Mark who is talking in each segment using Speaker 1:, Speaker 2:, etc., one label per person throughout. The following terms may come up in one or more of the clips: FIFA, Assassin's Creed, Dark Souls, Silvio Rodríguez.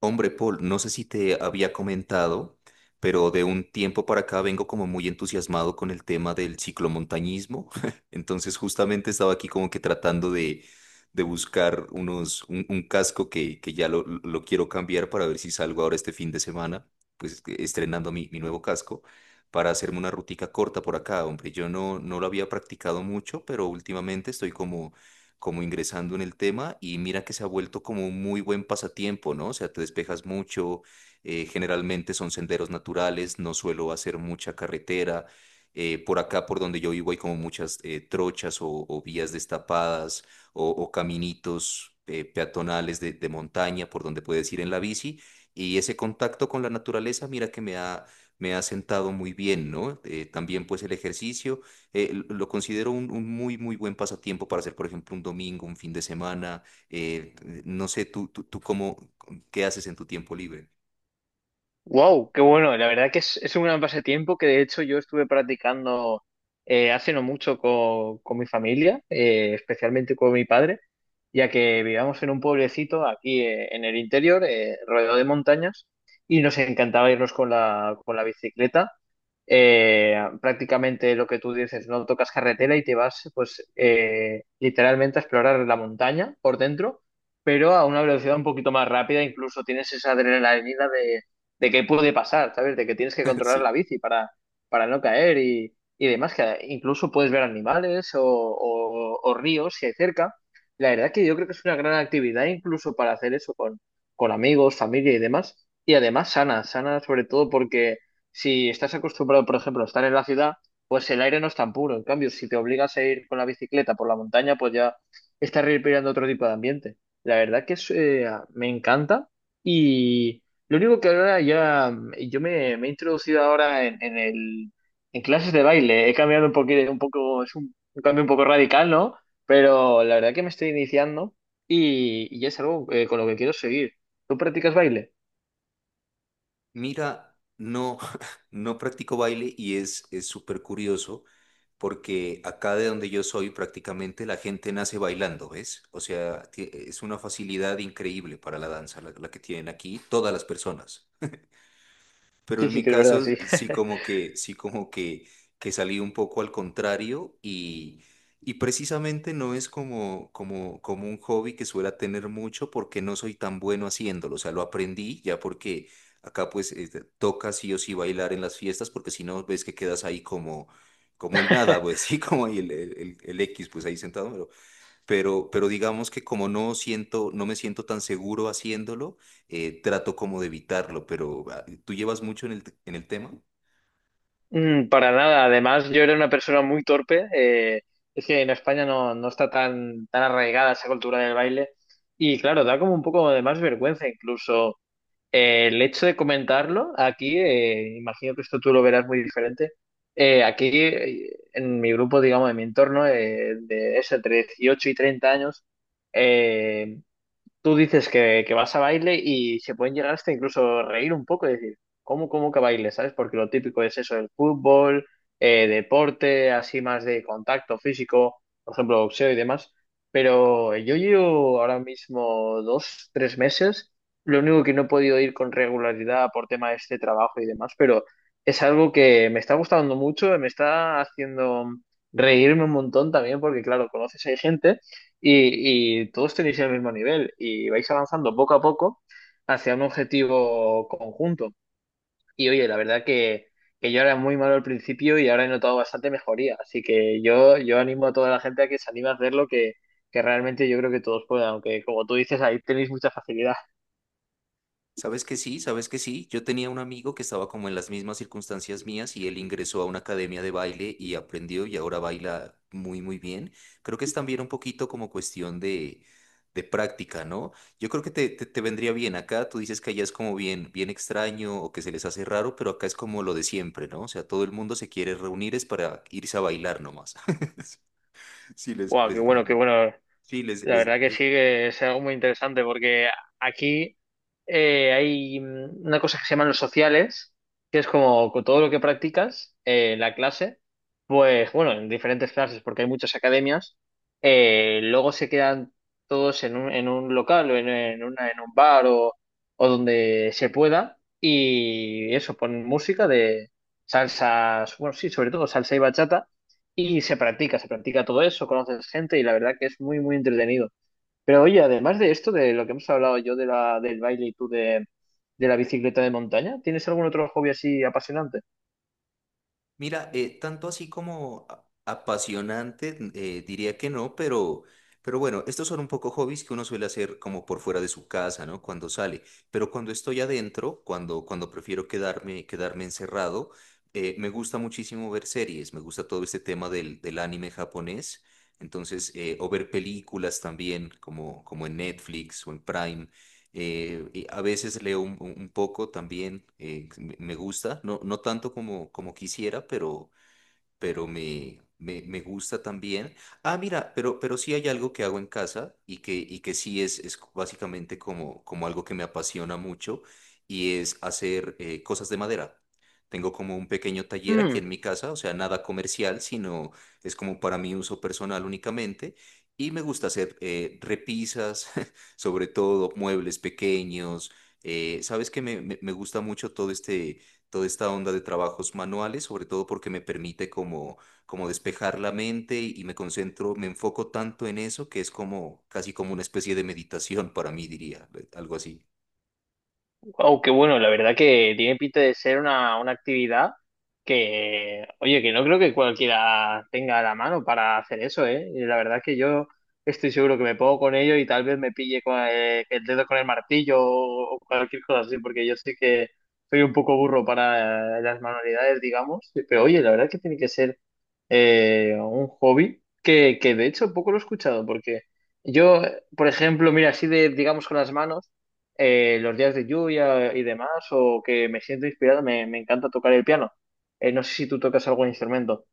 Speaker 1: Hombre, Paul, no sé si te había comentado, pero de un tiempo para acá vengo como muy entusiasmado con el tema del ciclomontañismo. Entonces, justamente estaba aquí como que tratando de buscar un casco que ya lo quiero cambiar para ver si salgo ahora este fin de semana, estrenando mi nuevo casco, para hacerme una rutica corta por acá. Hombre, yo no, no lo había practicado mucho, pero últimamente estoy como ingresando en el tema y mira que se ha vuelto como un muy buen pasatiempo, ¿no? O sea, te despejas mucho, generalmente son senderos naturales, no suelo hacer mucha carretera. Por acá, por donde yo vivo, hay como muchas trochas o vías destapadas o caminitos peatonales de montaña por donde puedes ir en la bici. Y ese contacto con la naturaleza, mira que me ha sentado muy bien, ¿no? También pues el ejercicio lo considero un muy buen pasatiempo para hacer, por ejemplo, un domingo, un fin de semana. No sé, qué haces en tu tiempo libre.
Speaker 2: Wow, qué bueno. La verdad que es un gran pasatiempo que de hecho yo estuve practicando hace no mucho con mi familia, especialmente con mi padre, ya que vivíamos en un pueblecito aquí en el interior, rodeado de montañas, y nos encantaba irnos con la bicicleta. Prácticamente lo que tú dices, no tocas carretera y te vas pues literalmente a explorar la montaña por dentro, pero a una velocidad un poquito más rápida. Incluso tienes esa adrenalina de qué puede pasar, ¿sabes? De que tienes que controlar
Speaker 1: Sí.
Speaker 2: la bici para no caer y demás, que incluso puedes ver animales o ríos si hay cerca. La verdad que yo creo que es una gran actividad incluso para hacer eso con amigos, familia y demás. Y además sana, sana sobre todo porque si estás acostumbrado, por ejemplo, a estar en la ciudad, pues el aire no es tan puro. En cambio, si te obligas a ir con la bicicleta por la montaña, pues ya estás respirando otro tipo de ambiente. La verdad que me encanta. y, lo único que ahora ya, yo me he introducido ahora en clases de baile. He cambiado un poco. Es un cambio un poco radical, ¿no? Pero la verdad que me estoy iniciando y es algo con lo que quiero seguir. ¿Tú practicas baile?
Speaker 1: Mira, no, no practico baile y es súper curioso porque acá de donde yo soy prácticamente la gente nace bailando, ¿ves? O sea, es una facilidad increíble para la danza la que tienen aquí todas las personas. Pero
Speaker 2: Sí,
Speaker 1: en
Speaker 2: sí
Speaker 1: mi
Speaker 2: que es verdad,
Speaker 1: caso,
Speaker 2: sí.
Speaker 1: que salí un poco al contrario y precisamente no es como un hobby que suela tener mucho porque no soy tan bueno haciéndolo. O sea, lo aprendí ya porque acá pues toca sí o sí bailar en las fiestas porque si no ves que quedas ahí como el nada, pues sí, como ahí el X, pues ahí sentado pero digamos que como no siento, no me siento tan seguro haciéndolo, trato como de evitarlo, pero ah, ¿tú llevas mucho en en el tema?
Speaker 2: Para nada. Además, yo era una persona muy torpe. Es que en España no, no está tan arraigada esa cultura del baile. Y claro, da como un poco de más vergüenza incluso. El hecho de comentarlo aquí, imagino que esto tú lo verás muy diferente. Aquí, en mi grupo, digamos, en mi entorno, de eso, entre 18 y 30 años, eh, tú dices que vas a baile y se pueden llegar hasta incluso reír un poco y decir, ¿cómo que baile? ¿Sabes? Porque lo típico es eso, el fútbol, deporte, así más de contacto físico, por ejemplo, boxeo y demás. Pero yo llevo ahora mismo dos, tres meses. Lo único que no he podido ir con regularidad por tema de este trabajo y demás, pero es algo que me está gustando mucho, me está haciendo reírme un montón también, porque claro, conoces a gente y todos tenéis el mismo nivel y vais avanzando poco a poco hacia un objetivo conjunto. Y oye, la verdad que yo era muy malo al principio y ahora he notado bastante mejoría, así que yo animo a toda la gente a que se anime a hacerlo, que realmente yo creo que todos puedan, aunque como tú dices, ahí tenéis mucha facilidad.
Speaker 1: Sabes que sí, sabes que sí. Yo tenía un amigo que estaba como en las mismas circunstancias mías y él ingresó a una academia de baile y aprendió y ahora baila muy, muy bien. Creo que es también un poquito como cuestión de práctica, ¿no? Yo creo que te vendría bien acá. Tú dices que allá es como bien extraño o que se les hace raro, pero acá es como lo de siempre, ¿no? O sea, todo el mundo se quiere reunir es para irse a bailar nomás. Sí, les,
Speaker 2: Wow, qué
Speaker 1: les,
Speaker 2: bueno, qué bueno.
Speaker 1: sí, les,
Speaker 2: La
Speaker 1: les,
Speaker 2: verdad que sí,
Speaker 1: les.
Speaker 2: que es algo muy interesante porque aquí hay una cosa que se llaman los sociales, que es como con todo lo que practicas en la clase, pues bueno, en diferentes clases, porque hay muchas academias. Luego se quedan todos en un local o en en un bar o donde se pueda, y eso, ponen música de salsas, bueno, sí, sobre todo salsa y bachata, y se practica todo eso, conoces gente y la verdad que es muy, muy entretenido. Pero oye, además de esto, de lo que hemos hablado, yo de del baile y tú de la bicicleta de montaña, ¿tienes algún otro hobby así apasionante?
Speaker 1: Mira, tanto así como apasionante, diría que no, pero bueno, estos son un poco hobbies que uno suele hacer como por fuera de su casa, ¿no? Cuando sale. Pero cuando estoy adentro, cuando prefiero quedarme encerrado, me gusta muchísimo ver series, me gusta todo este tema del anime japonés. Entonces, o ver películas también, como en Netflix o en Prime. Y a veces leo poco también, me gusta, no, no tanto como quisiera, pero me gusta también. Ah, mira, pero sí hay algo que hago en casa y que sí es básicamente como algo que me apasiona mucho y es hacer cosas de madera. Tengo como un pequeño taller aquí
Speaker 2: Mm,
Speaker 1: en mi casa, o sea, nada comercial, sino es como para mi uso personal únicamente. Y me gusta hacer repisas, sobre todo muebles pequeños. Sabes que me gusta mucho todo este toda esta onda de trabajos manuales, sobre todo porque me permite como despejar la mente y me concentro, me enfoco tanto en eso que es como casi como una especie de meditación para mí, diría, algo así.
Speaker 2: wow, qué bueno, la verdad que tiene pinta de ser una actividad que, oye, que no creo que cualquiera tenga a la mano para hacer eso, ¿eh? Y la verdad que yo estoy seguro que me pongo con ello y tal vez me pille con el dedo con el martillo o cualquier cosa así, porque yo sé que soy un poco burro para las manualidades, digamos, pero oye, la verdad que tiene que ser un hobby que de hecho poco lo he escuchado, porque yo, por ejemplo, mira, así de, digamos, con las manos, los días de lluvia y demás, o que me siento inspirado, me encanta tocar el piano. No sé si tú tocas algún instrumento.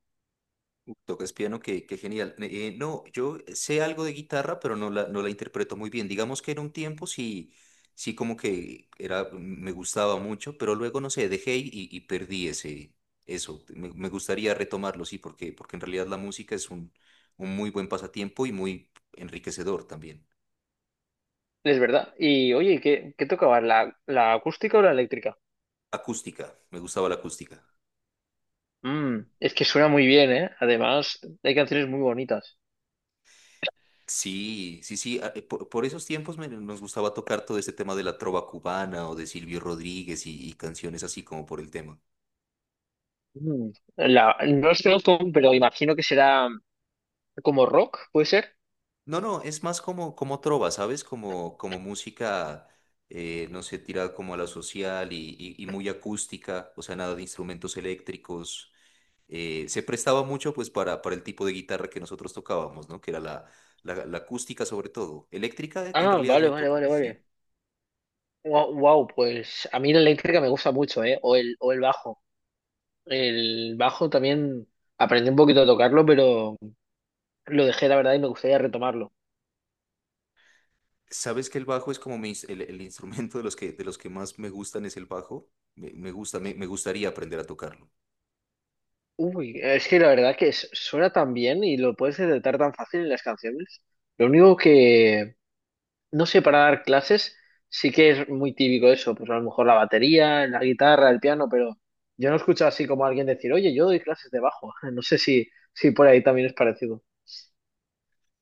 Speaker 1: Tocas piano, qué, qué genial. No, yo sé algo de guitarra, pero no la interpreto muy bien. Digamos que en un tiempo sí, sí como que era, me gustaba mucho, pero luego, no sé, dejé y perdí ese, eso. Me gustaría retomarlo, sí, porque, porque en realidad la música es un muy buen pasatiempo y muy enriquecedor también.
Speaker 2: Es verdad. Y oye, ¿qué, qué tocabas? ¿La, la acústica o la eléctrica?
Speaker 1: Acústica, me gustaba la acústica.
Speaker 2: Mm, es que suena muy bien, ¿eh? Además, hay canciones muy bonitas.
Speaker 1: Sí, sí, sí. Por esos tiempos nos gustaba tocar todo este tema de la trova cubana o de Silvio Rodríguez y canciones así como por el tema.
Speaker 2: Mm, la, no los conozco, pero imagino que será como rock, ¿puede ser?
Speaker 1: No, no, es más como trova, ¿sabes? Como música, no sé, tirada como a la social y, y muy acústica, o sea, nada de instrumentos eléctricos. Se prestaba mucho pues para el tipo de guitarra que nosotros tocábamos, ¿no? Que era la acústica sobre todo. Eléctrica en
Speaker 2: Ah,
Speaker 1: realidad
Speaker 2: vale,
Speaker 1: muy
Speaker 2: vale,
Speaker 1: poco,
Speaker 2: vale,
Speaker 1: sí.
Speaker 2: vale. Wow, pues a mí la eléctrica me gusta mucho, ¿eh? O el bajo. El bajo también aprendí un poquito a tocarlo, pero lo dejé, la verdad, y me gustaría retomarlo.
Speaker 1: ¿Sabes que el bajo es como mi el instrumento de de los que más me gustan es el bajo? Me gusta, me gustaría aprender a tocarlo.
Speaker 2: Uy, es que la verdad que es- suena tan bien y lo puedes detectar tan fácil en las canciones. Lo único no sé, para dar clases sí que es muy típico eso, pues a lo mejor la batería, la guitarra, el piano, pero yo no escucho así como alguien decir, oye, yo doy clases de bajo. No sé si por ahí también es parecido.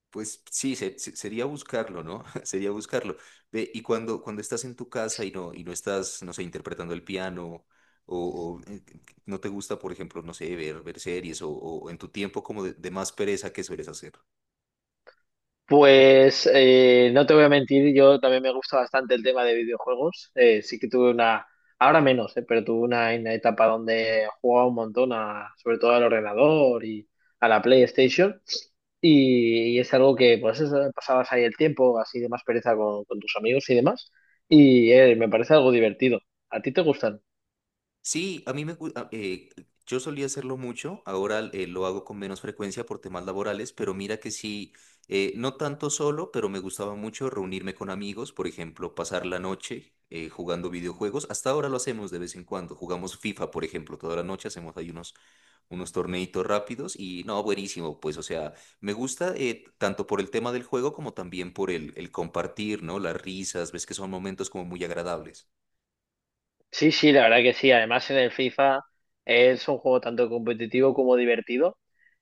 Speaker 1: Pues sí, sería buscarlo, ¿no? Sería buscarlo. Ve, y cuando estás en tu casa y y no estás, no sé, interpretando el piano, o, no te gusta, por ejemplo, no sé, ver series, o en tu tiempo como de más pereza, ¿qué sueles hacer?
Speaker 2: Pues no te voy a mentir, yo también me gusta bastante el tema de videojuegos. Sí que tuve ahora menos, pero tuve una etapa donde jugaba un montón, sobre todo al ordenador y a la PlayStation. Y es algo que, pues, eso, pasabas ahí el tiempo, así de más pereza con tus amigos y demás. Y me parece algo divertido. ¿A ti te gustan?
Speaker 1: Sí, a mí me gusta, yo solía hacerlo mucho, ahora lo hago con menos frecuencia por temas laborales, pero mira que sí, no tanto solo, pero me gustaba mucho reunirme con amigos, por ejemplo, pasar la noche jugando videojuegos. Hasta ahora lo hacemos de vez en cuando, jugamos FIFA, por ejemplo, toda la noche hacemos ahí unos, unos torneitos rápidos y no, buenísimo, pues o sea, me gusta tanto por el tema del juego como también por el compartir, ¿no? Las risas, ves que son momentos como muy agradables.
Speaker 2: Sí, sí, la verdad que sí. Además, en el FIFA es un juego tanto competitivo como divertido.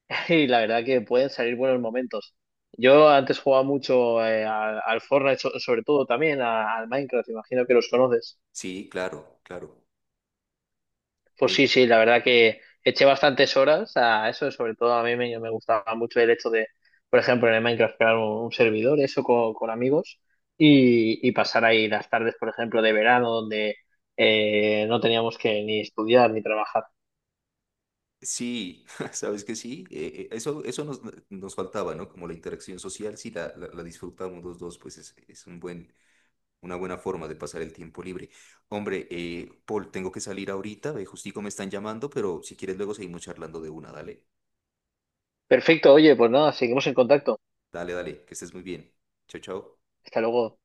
Speaker 2: Y la verdad que pueden salir buenos momentos. Yo antes jugaba mucho al Fortnite, sobre todo también al Minecraft, imagino que los conoces.
Speaker 1: Sí, claro, claro.
Speaker 2: Pues sí,
Speaker 1: Me-
Speaker 2: sí, la verdad que eché bastantes horas a eso, sobre todo a mí me gustaba mucho el hecho de, por ejemplo, en el Minecraft crear un servidor, eso con amigos, y pasar ahí las tardes, por ejemplo, de verano, donde no teníamos que ni estudiar ni trabajar.
Speaker 1: Sí, sabes que sí, eso, nos faltaba, ¿no? Como la interacción social, sí, la disfrutamos los dos, pues es un buen, una buena forma de pasar el tiempo libre. Hombre, Paul, tengo que salir ahorita, justico me están llamando, pero si quieres luego seguimos charlando de una, dale,
Speaker 2: Perfecto, oye, pues nada, seguimos en contacto.
Speaker 1: dale, dale, que estés muy bien. Chao, chao.
Speaker 2: Hasta luego.